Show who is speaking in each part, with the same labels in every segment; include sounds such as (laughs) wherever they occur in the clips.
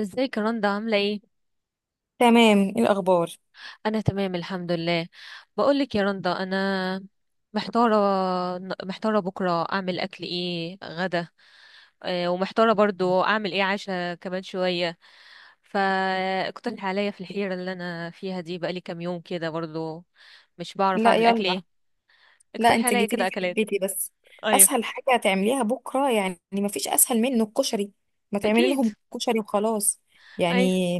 Speaker 1: ازيك يا رندا عاملة ايه؟
Speaker 2: تمام. ايه الاخبار؟
Speaker 1: أنا تمام الحمد لله. بقولك يا رندا أنا محتارة، بكرة أعمل أكل ايه غدا، ومحتارة برضو أعمل ايه عشاء كمان شوية. فاقترح عليا في الحيرة اللي أنا فيها دي، بقالي كام يوم كده برضو مش بعرف
Speaker 2: لا
Speaker 1: أعمل أكل
Speaker 2: يلا.
Speaker 1: ايه.
Speaker 2: لا،
Speaker 1: اقترح
Speaker 2: انت
Speaker 1: عليا
Speaker 2: جيتيلي
Speaker 1: كده
Speaker 2: في
Speaker 1: أكلات.
Speaker 2: حبيتي بس.
Speaker 1: أيوه.
Speaker 2: اسهل حاجه هتعمليها بكره يعني ما فيش اسهل منه الكشري. ما تعملي
Speaker 1: أكيد.
Speaker 2: لهم كشري وخلاص.
Speaker 1: أيوه.
Speaker 2: يعني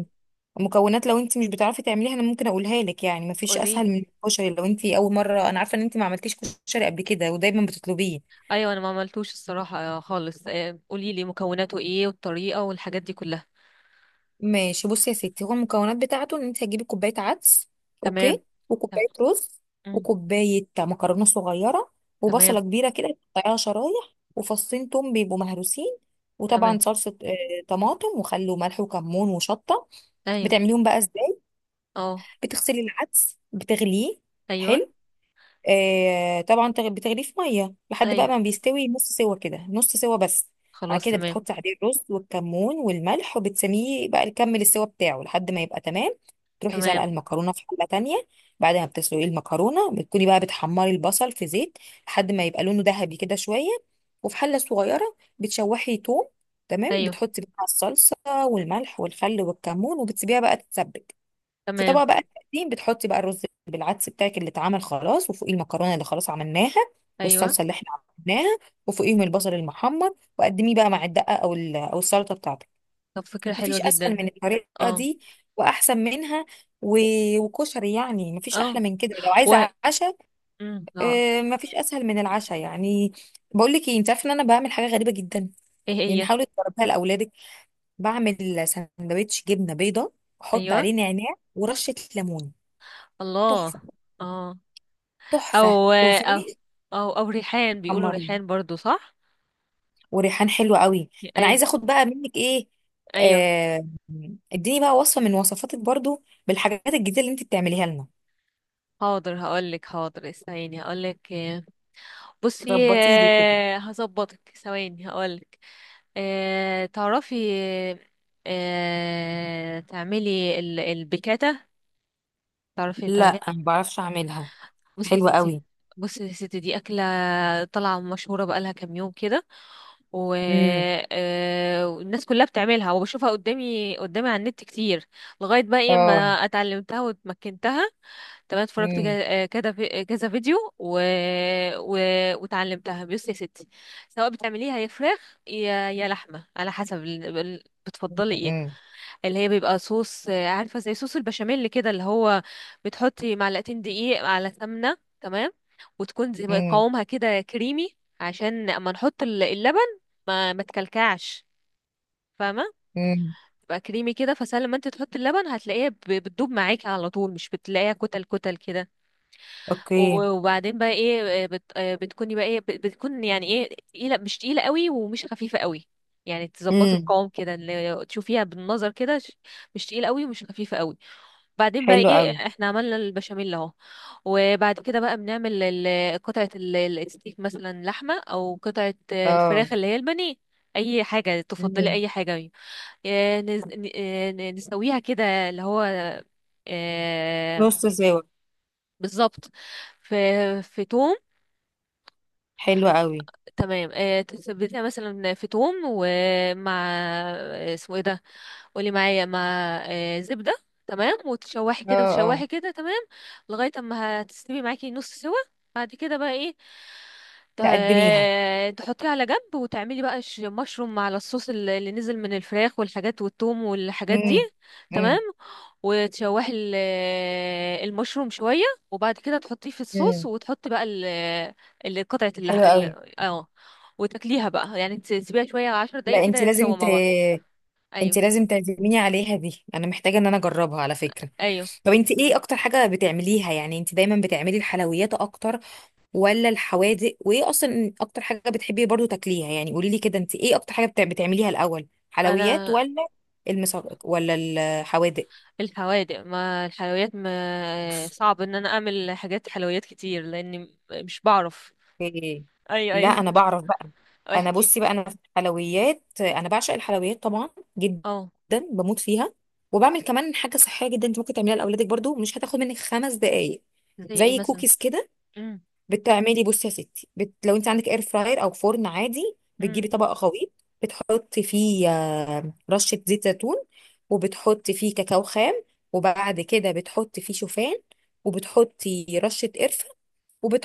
Speaker 2: المكونات، لو انت مش بتعرفي تعمليها انا ممكن اقولها لك، يعني ما فيش
Speaker 1: قولي.
Speaker 2: اسهل من الكشري لو انت اول مره، انا عارفه ان انت ما عملتيش كشري قبل كده ودايما بتطلبيه.
Speaker 1: أيوه، أنا ما عملتوش الصراحة خالص، قوليلي مكوناته ايه والطريقة والحاجات دي كلها.
Speaker 2: ماشي، بصي يا ستي، هو المكونات بتاعته ان انت هتجيبي كوبايه عدس.
Speaker 1: تمام.
Speaker 2: اوكي. وكوبايه رز،
Speaker 1: تمام.
Speaker 2: وكوبايه مكرونه صغيره،
Speaker 1: تمام.
Speaker 2: وبصله كبيره كده تقطعيها شرايح، وفصين توم بيبقوا مهروسين.
Speaker 1: تمام.
Speaker 2: وطبعا صلصه طماطم وخل وملح وكمون وشطه.
Speaker 1: ايوه.
Speaker 2: بتعمليهم بقى ازاي؟
Speaker 1: اه.
Speaker 2: بتغسلي العدس، بتغليه.
Speaker 1: ايوه.
Speaker 2: حلو. آه طبعا بتغليه في ميه لحد بقى ما
Speaker 1: ايوه.
Speaker 2: بيستوي نص سوا كده، نص سوا بس. بعد
Speaker 1: خلاص
Speaker 2: كده
Speaker 1: تمام.
Speaker 2: بتحطي عليه الرز والكمون والملح وبتسميه بقى يكمل السوا بتاعه لحد ما يبقى تمام. تروحي سلقه
Speaker 1: تمام.
Speaker 2: المكرونه في حله تانية. بعد ما بتسلقي المكرونه بتكوني بقى بتحمري البصل في زيت لحد ما يبقى لونه ذهبي كده شويه. وفي حله صغيره بتشوحي توم. تمام،
Speaker 1: ايوه.
Speaker 2: بتحطي بقى الصلصه والملح والخل والكمون، وبتسيبيها بقى تتسبك. في
Speaker 1: تمام.
Speaker 2: طبق بقى تقديم بتحطي بقى الرز بالعدس بتاعك اللي اتعمل خلاص، وفوقيه المكرونه اللي خلاص عملناها،
Speaker 1: ايوه.
Speaker 2: والصلصه اللي احنا عملناها، وفوقيهم البصل المحمر، وقدميه بقى مع الدقه، او السلطه بتاعتك.
Speaker 1: طب فكرة حلوة
Speaker 2: مفيش اسهل
Speaker 1: جدا.
Speaker 2: من الطريقه
Speaker 1: اه.
Speaker 2: دي واحسن منها. و... وكشري، يعني مفيش احلى
Speaker 1: اه.
Speaker 2: من كده لو
Speaker 1: و
Speaker 2: عايزه عشاء.
Speaker 1: اه.
Speaker 2: مفيش اسهل من العشاء يعني. بقول لك ايه، انت عارفه ان انا بعمل حاجه غريبه جدا؟
Speaker 1: ايه
Speaker 2: يعني
Speaker 1: هي؟
Speaker 2: حاولي تجربيها لاولادك. بعمل سندوتش جبنه بيضه، احط
Speaker 1: ايوه.
Speaker 2: عليه نعناع ورشه ليمون.
Speaker 1: الله.
Speaker 2: تحفه.
Speaker 1: اه.
Speaker 2: تحفه
Speaker 1: او. او.
Speaker 2: وفاء.
Speaker 1: او او ريحان، بيقولوا
Speaker 2: حمرين
Speaker 1: ريحان برضو صح؟
Speaker 2: وريحان حلو قوي. انا
Speaker 1: ايوه.
Speaker 2: عايزه اخد بقى منك ايه،
Speaker 1: ايوه.
Speaker 2: آه، اديني بقى وصفه من وصفاتك برضو بالحاجات الجديده اللي انت بتعمليها لنا.
Speaker 1: حاضر هقولك، حاضر استني هقولك. بصي،
Speaker 2: ظبطي لي كده.
Speaker 1: هظبطك ثواني هقولك. تعرفي، تعملي البيكاتا؟ تعرفي
Speaker 2: لا،
Speaker 1: تعمليها؟
Speaker 2: ما بعرفش اعملها.
Speaker 1: بصي يا
Speaker 2: حلوه
Speaker 1: ستي،
Speaker 2: قوي.
Speaker 1: بصي يا ستي، دي أكلة طالعة مشهورة بقالها كام يوم كده، و-
Speaker 2: امم
Speaker 1: والناس كلها بتعملها وبشوفها قدامي على النت كتير، لغاية بقى ايه ما
Speaker 2: اه.
Speaker 1: اتعلمتها واتمكنتها. تمام. اتفرجت
Speaker 2: امم
Speaker 1: كذا كذا فيديو و... وتعلمتها. بصي يا ستي، سواء بتعمليها يا فراخ يا لحمه، على حسب بتفضلي ايه.
Speaker 2: امم
Speaker 1: اللي هي بيبقى صوص، عارفه زي صوص البشاميل كده، اللي هو بتحطي معلقتين دقيق على سمنه، تمام، وتكون زي ما
Speaker 2: امم
Speaker 1: قوامها كده كريمي، عشان اما نحط اللبن ما تكلكعش، فاهمه؟
Speaker 2: امم
Speaker 1: تبقى كريمي كده، فسهل لما انت تحطي اللبن هتلاقيها بتدوب معاكي على طول، مش بتلاقيها كتل كده.
Speaker 2: اوكي.
Speaker 1: وبعدين بقى ايه، بتكوني بقى ايه، بتكون يعني ايه، تقيله مش تقيله قوي ومش خفيفه قوي. يعني تظبطي
Speaker 2: امم
Speaker 1: القوام كده اللي تشوفيها بالنظر كده، مش تقيله قوي ومش خفيفه قوي. بعدين بقى
Speaker 2: حلو
Speaker 1: ايه،
Speaker 2: قوي.
Speaker 1: احنا عملنا البشاميل اهو، وبعد كده بقى بنعمل قطعه الستيك مثلا، لحمه او قطعه
Speaker 2: اه
Speaker 1: الفراخ اللي هي البانيه، اي حاجه تفضلي
Speaker 2: امم
Speaker 1: اي حاجه. نسويها كده، اللي هو آه،
Speaker 2: نص سوا.
Speaker 1: بالظبط، في في توم.
Speaker 2: حلو قوي.
Speaker 1: تمام، تثبتيها مثلا في توم، ومع اسمه ايه ده، قولي معايا، مع زبدة. تمام، وتشوحي
Speaker 2: اه
Speaker 1: كده
Speaker 2: اه.
Speaker 1: وتشوحي كده، تمام، لغاية اما هتستوي معاكي نص سوا. بعد كده بقى ايه،
Speaker 2: تقدميها.
Speaker 1: تحطيه على جنب، وتعملي بقى مشروم على الصوص اللي نزل من الفراخ والحاجات والتوم والحاجات دي.
Speaker 2: امم
Speaker 1: تمام،
Speaker 2: امم
Speaker 1: وتشوحي المشروم شوية، وبعد كده تحطيه في الصوص،
Speaker 2: امم
Speaker 1: وتحط بقى قطعة اللح
Speaker 2: حلو قوي.
Speaker 1: اه، وتاكليها بقى، يعني تسيبيها شوية عشر دقايق
Speaker 2: لا،
Speaker 1: كده
Speaker 2: انت
Speaker 1: يتسوى مع بعض.
Speaker 2: انت
Speaker 1: ايوه.
Speaker 2: لازم تعزميني عليها دي، انا محتاجه ان انا اجربها على فكره.
Speaker 1: ايوه.
Speaker 2: طب انت ايه اكتر حاجه بتعمليها يعني؟ انت دايما بتعملي الحلويات اكتر ولا الحوادق؟ وايه اصلا اكتر حاجه بتحبي برضو تاكليها؟ يعني قولي لي كده، انت ايه اكتر حاجه بتعمليها الاول، حلويات
Speaker 1: انا
Speaker 2: ولا ولا الحوادق؟
Speaker 1: الحوادق. ما الحلويات ما صعب ان انا اعمل حاجات حلويات كتير لاني مش بعرف.
Speaker 2: إيه.
Speaker 1: ايوه
Speaker 2: لا انا
Speaker 1: ايوه.
Speaker 2: بعرف بقى.
Speaker 1: (laughs)
Speaker 2: انا
Speaker 1: احكي.
Speaker 2: بصي بقى، انا في الحلويات انا بعشق الحلويات طبعا جدا.
Speaker 1: اه.
Speaker 2: بموت فيها. وبعمل كمان حاجه صحيه جدا انت ممكن تعمليها لاولادك برضو، مش هتاخد منك خمس دقائق.
Speaker 1: زي ايه
Speaker 2: زي
Speaker 1: مثلا؟
Speaker 2: كوكيز كده.
Speaker 1: امم.
Speaker 2: بصي يا ستي, لو انت عندك اير فراير او فرن عادي،
Speaker 1: امم.
Speaker 2: بتجيبي طبق خليط، بتحطي فيه رشه زيت زيتون، وبتحطي فيه كاكاو خام، وبعد كده بتحطي فيه شوفان، وبتحطي رشه قرفه،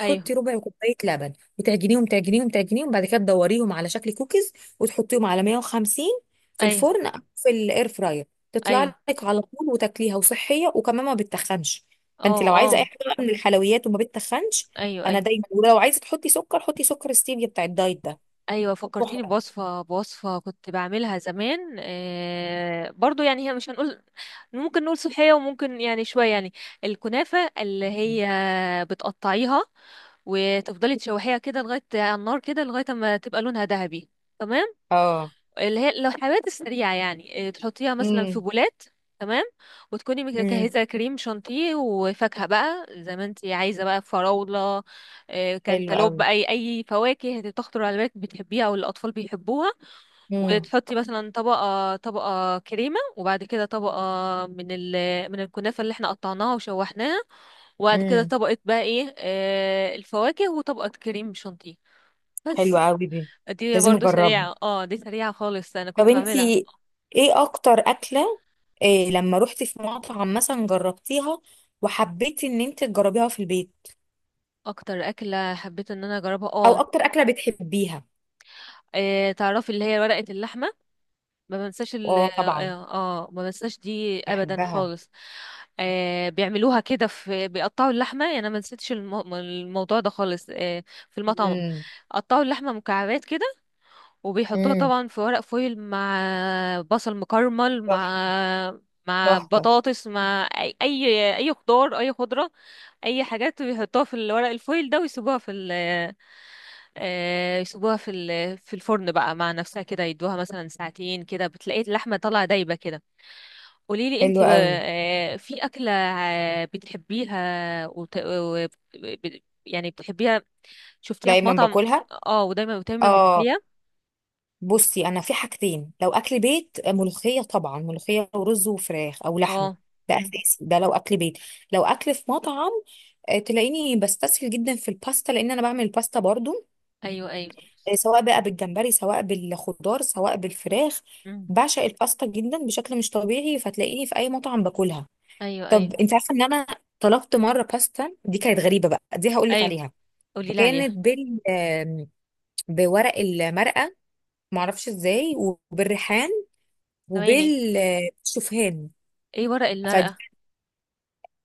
Speaker 1: ايوه.
Speaker 2: ربع كوبايه لبن، وتعجنيهم تعجنيهم تعجنيهم. بعد كده تدوريهم على شكل كوكيز وتحطيهم على 150 في
Speaker 1: ايوه.
Speaker 2: الفرن او في الاير فراير. تطلع
Speaker 1: ايوه.
Speaker 2: لك على طول وتاكليها، وصحيه وكمان ما بتتخنش. فانت
Speaker 1: اه.
Speaker 2: لو عايزه اي
Speaker 1: اه.
Speaker 2: حاجه بقى من الحلويات وما بتتخنش،
Speaker 1: ايوه
Speaker 2: انا
Speaker 1: ايوه.
Speaker 2: دايما، ولو عايزه تحطي سكر حطي سكر ستيفيا بتاع الدايت ده.
Speaker 1: ايوه فكرتيني
Speaker 2: تحفه.
Speaker 1: بوصفه كنت بعملها زمان آه، برضو يعني هي مش هنقول، ممكن نقول صحيه وممكن يعني شويه يعني. الكنافه اللي هي بتقطعيها وتفضلي تشوحيها كده لغايه على النار كده لغايه ما تبقى لونها ذهبي. تمام.
Speaker 2: اه.
Speaker 1: اللي هي الحلويات السريعة، تحطيها مثلا في
Speaker 2: امم
Speaker 1: بولات، تمام، وتكوني
Speaker 2: امم
Speaker 1: مجهزة كريم شانتيه وفاكهة بقى زي ما انتي عايزة، بقى فراولة،
Speaker 2: حلو
Speaker 1: كانتالوب،
Speaker 2: قوي.
Speaker 1: أي فواكه هتخطر على بالك بتحبيها أو الأطفال بيحبوها.
Speaker 2: امم
Speaker 1: وتحطي مثلا طبقة كريمة، وبعد كده طبقة من من الكنافة اللي احنا قطعناها وشوحناها، وبعد كده
Speaker 2: امم
Speaker 1: طبقة بقى ايه، آه، الفواكه، وطبقة كريم شانتيه،
Speaker 2: حلو
Speaker 1: بس.
Speaker 2: قوي دي،
Speaker 1: دي
Speaker 2: لازم
Speaker 1: برضو
Speaker 2: اجربها.
Speaker 1: سريعة، اه، دي سريعة خالص، انا
Speaker 2: طب
Speaker 1: كنت بعملها.
Speaker 2: انتي ايه اكتر اكله، إيه، لما روحتي في مطعم مثلا جربتيها وحبيتي ان انت تجربيها في البيت؟
Speaker 1: اكتر اكله حبيت ان انا اجربها،
Speaker 2: او
Speaker 1: اه،
Speaker 2: اكتر اكله بتحبيها؟
Speaker 1: تعرفي اللي هي ورقه اللحمه؟ ما بنساش
Speaker 2: اه طبعا،
Speaker 1: ما بنساش دي ابدا
Speaker 2: بحبها.
Speaker 1: خالص. آه، بيعملوها كده في، بيقطعوا اللحمه، يعني انا ما نسيتش الموضوع ده خالص آه، في المطعم،
Speaker 2: امم
Speaker 1: قطعوا اللحمه مكعبات كده، وبيحطوها
Speaker 2: امم
Speaker 1: طبعا في ورق فويل، مع بصل مكرمل، مع
Speaker 2: تحفه. تحفة.
Speaker 1: بطاطس، مع اي أي خضار اي خضره، اي حاجات بيحطوها في الورق الفويل ده، ويسيبوها في يسيبوها في في الفرن بقى مع نفسها كده، يدوها مثلا ساعتين كده، بتلاقي اللحمة طالعة دايبة كده. قولي لي انت،
Speaker 2: حلو قوي.
Speaker 1: في أكلة بتحبيها، وت... وب- يعني بتحبيها، شفتيها في
Speaker 2: دايما
Speaker 1: مطعم؟
Speaker 2: باكلها.
Speaker 1: اه، ودايما
Speaker 2: اه،
Speaker 1: بتاكليها؟
Speaker 2: بصي، انا في حاجتين، لو اكل بيت، ملوخيه، طبعا ملوخيه ورز وفراخ او لحمه،
Speaker 1: اه.
Speaker 2: ده
Speaker 1: مم.
Speaker 2: اساسي ده لو اكل بيت. لو اكل في مطعم، تلاقيني بستسهل جدا في الباستا لان انا بعمل الباستا برضو،
Speaker 1: ايوه ايوه.
Speaker 2: سواء بقى بالجمبري، سواء بالخضار، سواء بالفراخ.
Speaker 1: مم.
Speaker 2: بعشق الباستا جدا بشكل مش طبيعي، فتلاقيني في اي مطعم باكلها.
Speaker 1: ايوه
Speaker 2: طب
Speaker 1: ايوه.
Speaker 2: انت عارفه ان انا طلبت مره باستا دي كانت غريبه بقى؟ دي هقول لك
Speaker 1: ايوه،
Speaker 2: عليها.
Speaker 1: قولي لي عليها.
Speaker 2: كانت بال آم، بورق المرقه، معرفش ازاي، وبالريحان،
Speaker 1: ثواني،
Speaker 2: وبالشوفان.
Speaker 1: ايه ورق
Speaker 2: ف
Speaker 1: المرقة؟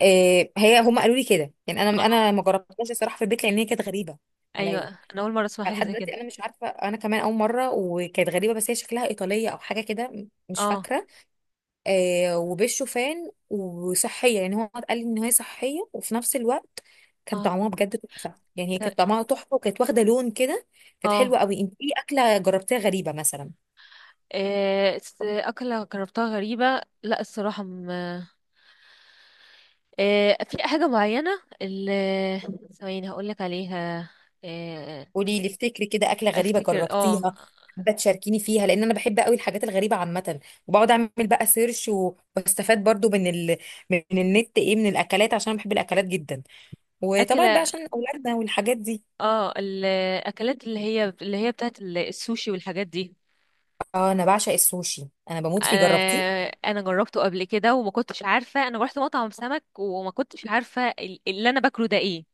Speaker 2: آه، هي هم قالوا لي كده يعني، انا
Speaker 1: اه.
Speaker 2: انا ما جربتهاش الصراحه في البيت، لان هي كانت غريبه
Speaker 1: ايوه،
Speaker 2: عليا.
Speaker 1: انا اول مرة اسمع حاجة
Speaker 2: فلحد
Speaker 1: زي
Speaker 2: دلوقتي
Speaker 1: كده.
Speaker 2: انا مش عارفه، انا كمان اول مره، وكانت غريبه بس. هي شكلها ايطاليه او حاجه كده، مش
Speaker 1: اه.
Speaker 2: فاكره. وبالشوفان، وصحيه يعني، هو قال لي ان هي صحيه، وفي نفس الوقت كان
Speaker 1: اه.
Speaker 2: طعمها بجد تحفه، يعني هي كانت
Speaker 1: س-
Speaker 2: طعمها تحفه، وكانت واخده لون كده. كانت حلوه
Speaker 1: اه،
Speaker 2: قوي. انت ايه اكله جربتيها غريبه مثلا؟
Speaker 1: أكلة جربتها غريبة، لا، الصراحة في حاجة معينة، اللي ثواني هقولك عليها. آه،
Speaker 2: قولي لي افتكري كده، اكله غريبه
Speaker 1: افتكر، اه،
Speaker 2: جربتيها حابه تشاركيني فيها، لان انا بحب قوي الحاجات الغريبه عامه. وبقعد اعمل بقى سيرش واستفاد برضو من من النت ايه من الاكلات، عشان أنا بحب الاكلات جدا، وطبعا بقى
Speaker 1: أكلة،
Speaker 2: عشان اولادنا والحاجات دي.
Speaker 1: اه، الأكلات اللي هي بتاعت السوشي والحاجات دي.
Speaker 2: اه، انا بعشق السوشي، انا بموت فيه. جربتيه؟
Speaker 1: انا جربته قبل كده، وما كنتش عارفه، انا رحت مطعم سمك وما كنتش عارفه اللي انا باكله ده ايه.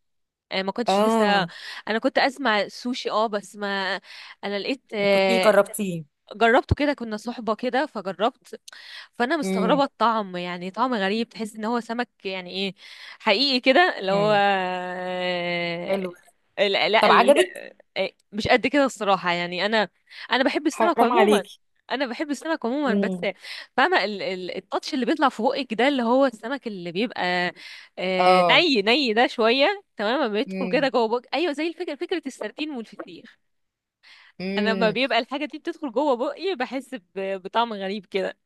Speaker 1: انا ما كنتش لسه،
Speaker 2: اه.
Speaker 1: انا كنت اسمع سوشي اه، بس ما انا لقيت
Speaker 2: ما كنتيش
Speaker 1: آه،
Speaker 2: جربتيه.
Speaker 1: جربته كده، كنا صحبة كده فجربت. فأنا مستغربة
Speaker 2: امم
Speaker 1: الطعم، يعني طعم غريب، تحس إن هو سمك يعني إيه، حقيقي كده اللي هو،
Speaker 2: امم حلو.
Speaker 1: لا لا
Speaker 2: طب عجبك؟
Speaker 1: آه، مش قد كده الصراحة، يعني أنا، أنا بحب السمك
Speaker 2: حرام
Speaker 1: عموما
Speaker 2: عليكي.
Speaker 1: أنا بحب السمك عموما بس،
Speaker 2: امم
Speaker 1: فاهمة التاتش اللي بيطلع في بقك ده اللي هو السمك اللي بيبقى
Speaker 2: اه
Speaker 1: ني ده شوية، تمام، بيدخل كده
Speaker 2: امم
Speaker 1: جوه بقك، أيوه، زي الفكرة، فكرة السردين والفسيخ. انا لما
Speaker 2: إمم.
Speaker 1: بيبقى الحاجه دي بتدخل جوه بقي بحس بطعم غريب كده.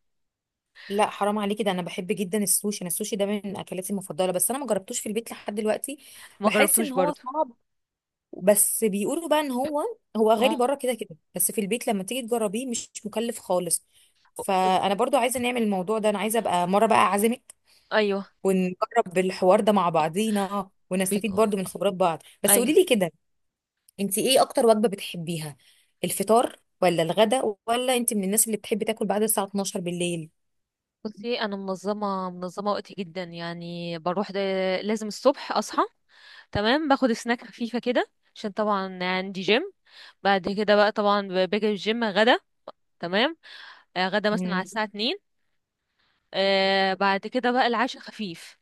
Speaker 2: لا حرام عليكي، ده انا بحب جدا السوشي، انا السوشي ده من اكلاتي المفضله، بس انا ما جربتوش في البيت لحد دلوقتي.
Speaker 1: ما
Speaker 2: بحس
Speaker 1: جربتوش
Speaker 2: ان هو
Speaker 1: برضو؟
Speaker 2: صعب، بس بيقولوا بقى ان هو، هو
Speaker 1: اه.
Speaker 2: غالي بره كده كده، بس في البيت لما تيجي تجربيه مش مكلف خالص.
Speaker 1: ب-
Speaker 2: فانا برضو عايزه نعمل الموضوع ده، انا عايزه ابقى مره بقى اعزمك
Speaker 1: ايوه.
Speaker 2: ونجرب الحوار ده مع بعضينا ونستفيد
Speaker 1: بيكو.
Speaker 2: برضو من خبرات بعض. بس قولي
Speaker 1: ايوه.
Speaker 2: لي كده، انت ايه اكتر وجبه بتحبيها، الفطار ولا الغدا؟ ولا انت من الناس اللي بتحب تاكل بعد الساعه 12 بالليل؟
Speaker 1: بصي انا منظمه، وقتي جدا، يعني بروح ده، لازم الصبح اصحى، تمام، باخد سناك خفيفه كده عشان طبعا عندي جيم، بعد كده بقى طبعا باجي الجيم غدا، تمام، غدا مثلا على
Speaker 2: امم
Speaker 1: الساعه 2، آه، بعد كده بقى العشاء خفيف،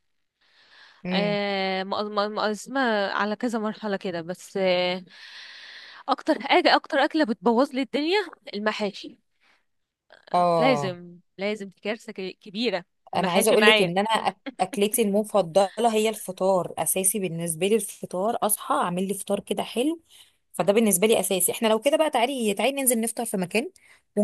Speaker 2: امم
Speaker 1: مقسمة على كذا مرحلة كده، بس آه، أكتر حاجة أكتر أكلة بتبوظ لي الدنيا المحاشي، آه،
Speaker 2: اه.
Speaker 1: لازم لازم، دي كارثة كبيرة
Speaker 2: انا عايزه
Speaker 1: المحاشي
Speaker 2: اقول لك
Speaker 1: معايا.
Speaker 2: ان اكلتي المفضله هي الفطار، اساسي بالنسبه لي الفطار، اصحى اعمل لي فطار كده حلو. فده بالنسبه لي اساسي. احنا لو كده بقى تعالي، تعالي ننزل نفطر في مكان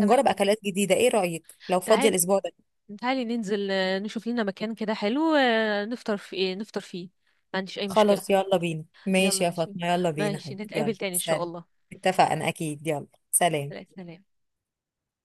Speaker 1: تمام،
Speaker 2: اكلات جديده. ايه رايك لو فاضيه
Speaker 1: تعالي،
Speaker 2: الاسبوع ده؟
Speaker 1: ننزل، نشوف لنا مكان كده حلو، نفطر في نفطر فيه، ما عنديش أي مشكلة.
Speaker 2: خلاص، يلا بينا.
Speaker 1: يلا
Speaker 2: ماشي يا
Speaker 1: ماشي،
Speaker 2: فاطمه، يلا بينا
Speaker 1: ماشي
Speaker 2: حبيبي، يلا
Speaker 1: نتقابل تاني إن شاء
Speaker 2: سلام.
Speaker 1: الله.
Speaker 2: اتفقنا، اكيد. يلا، سلام.
Speaker 1: سلام.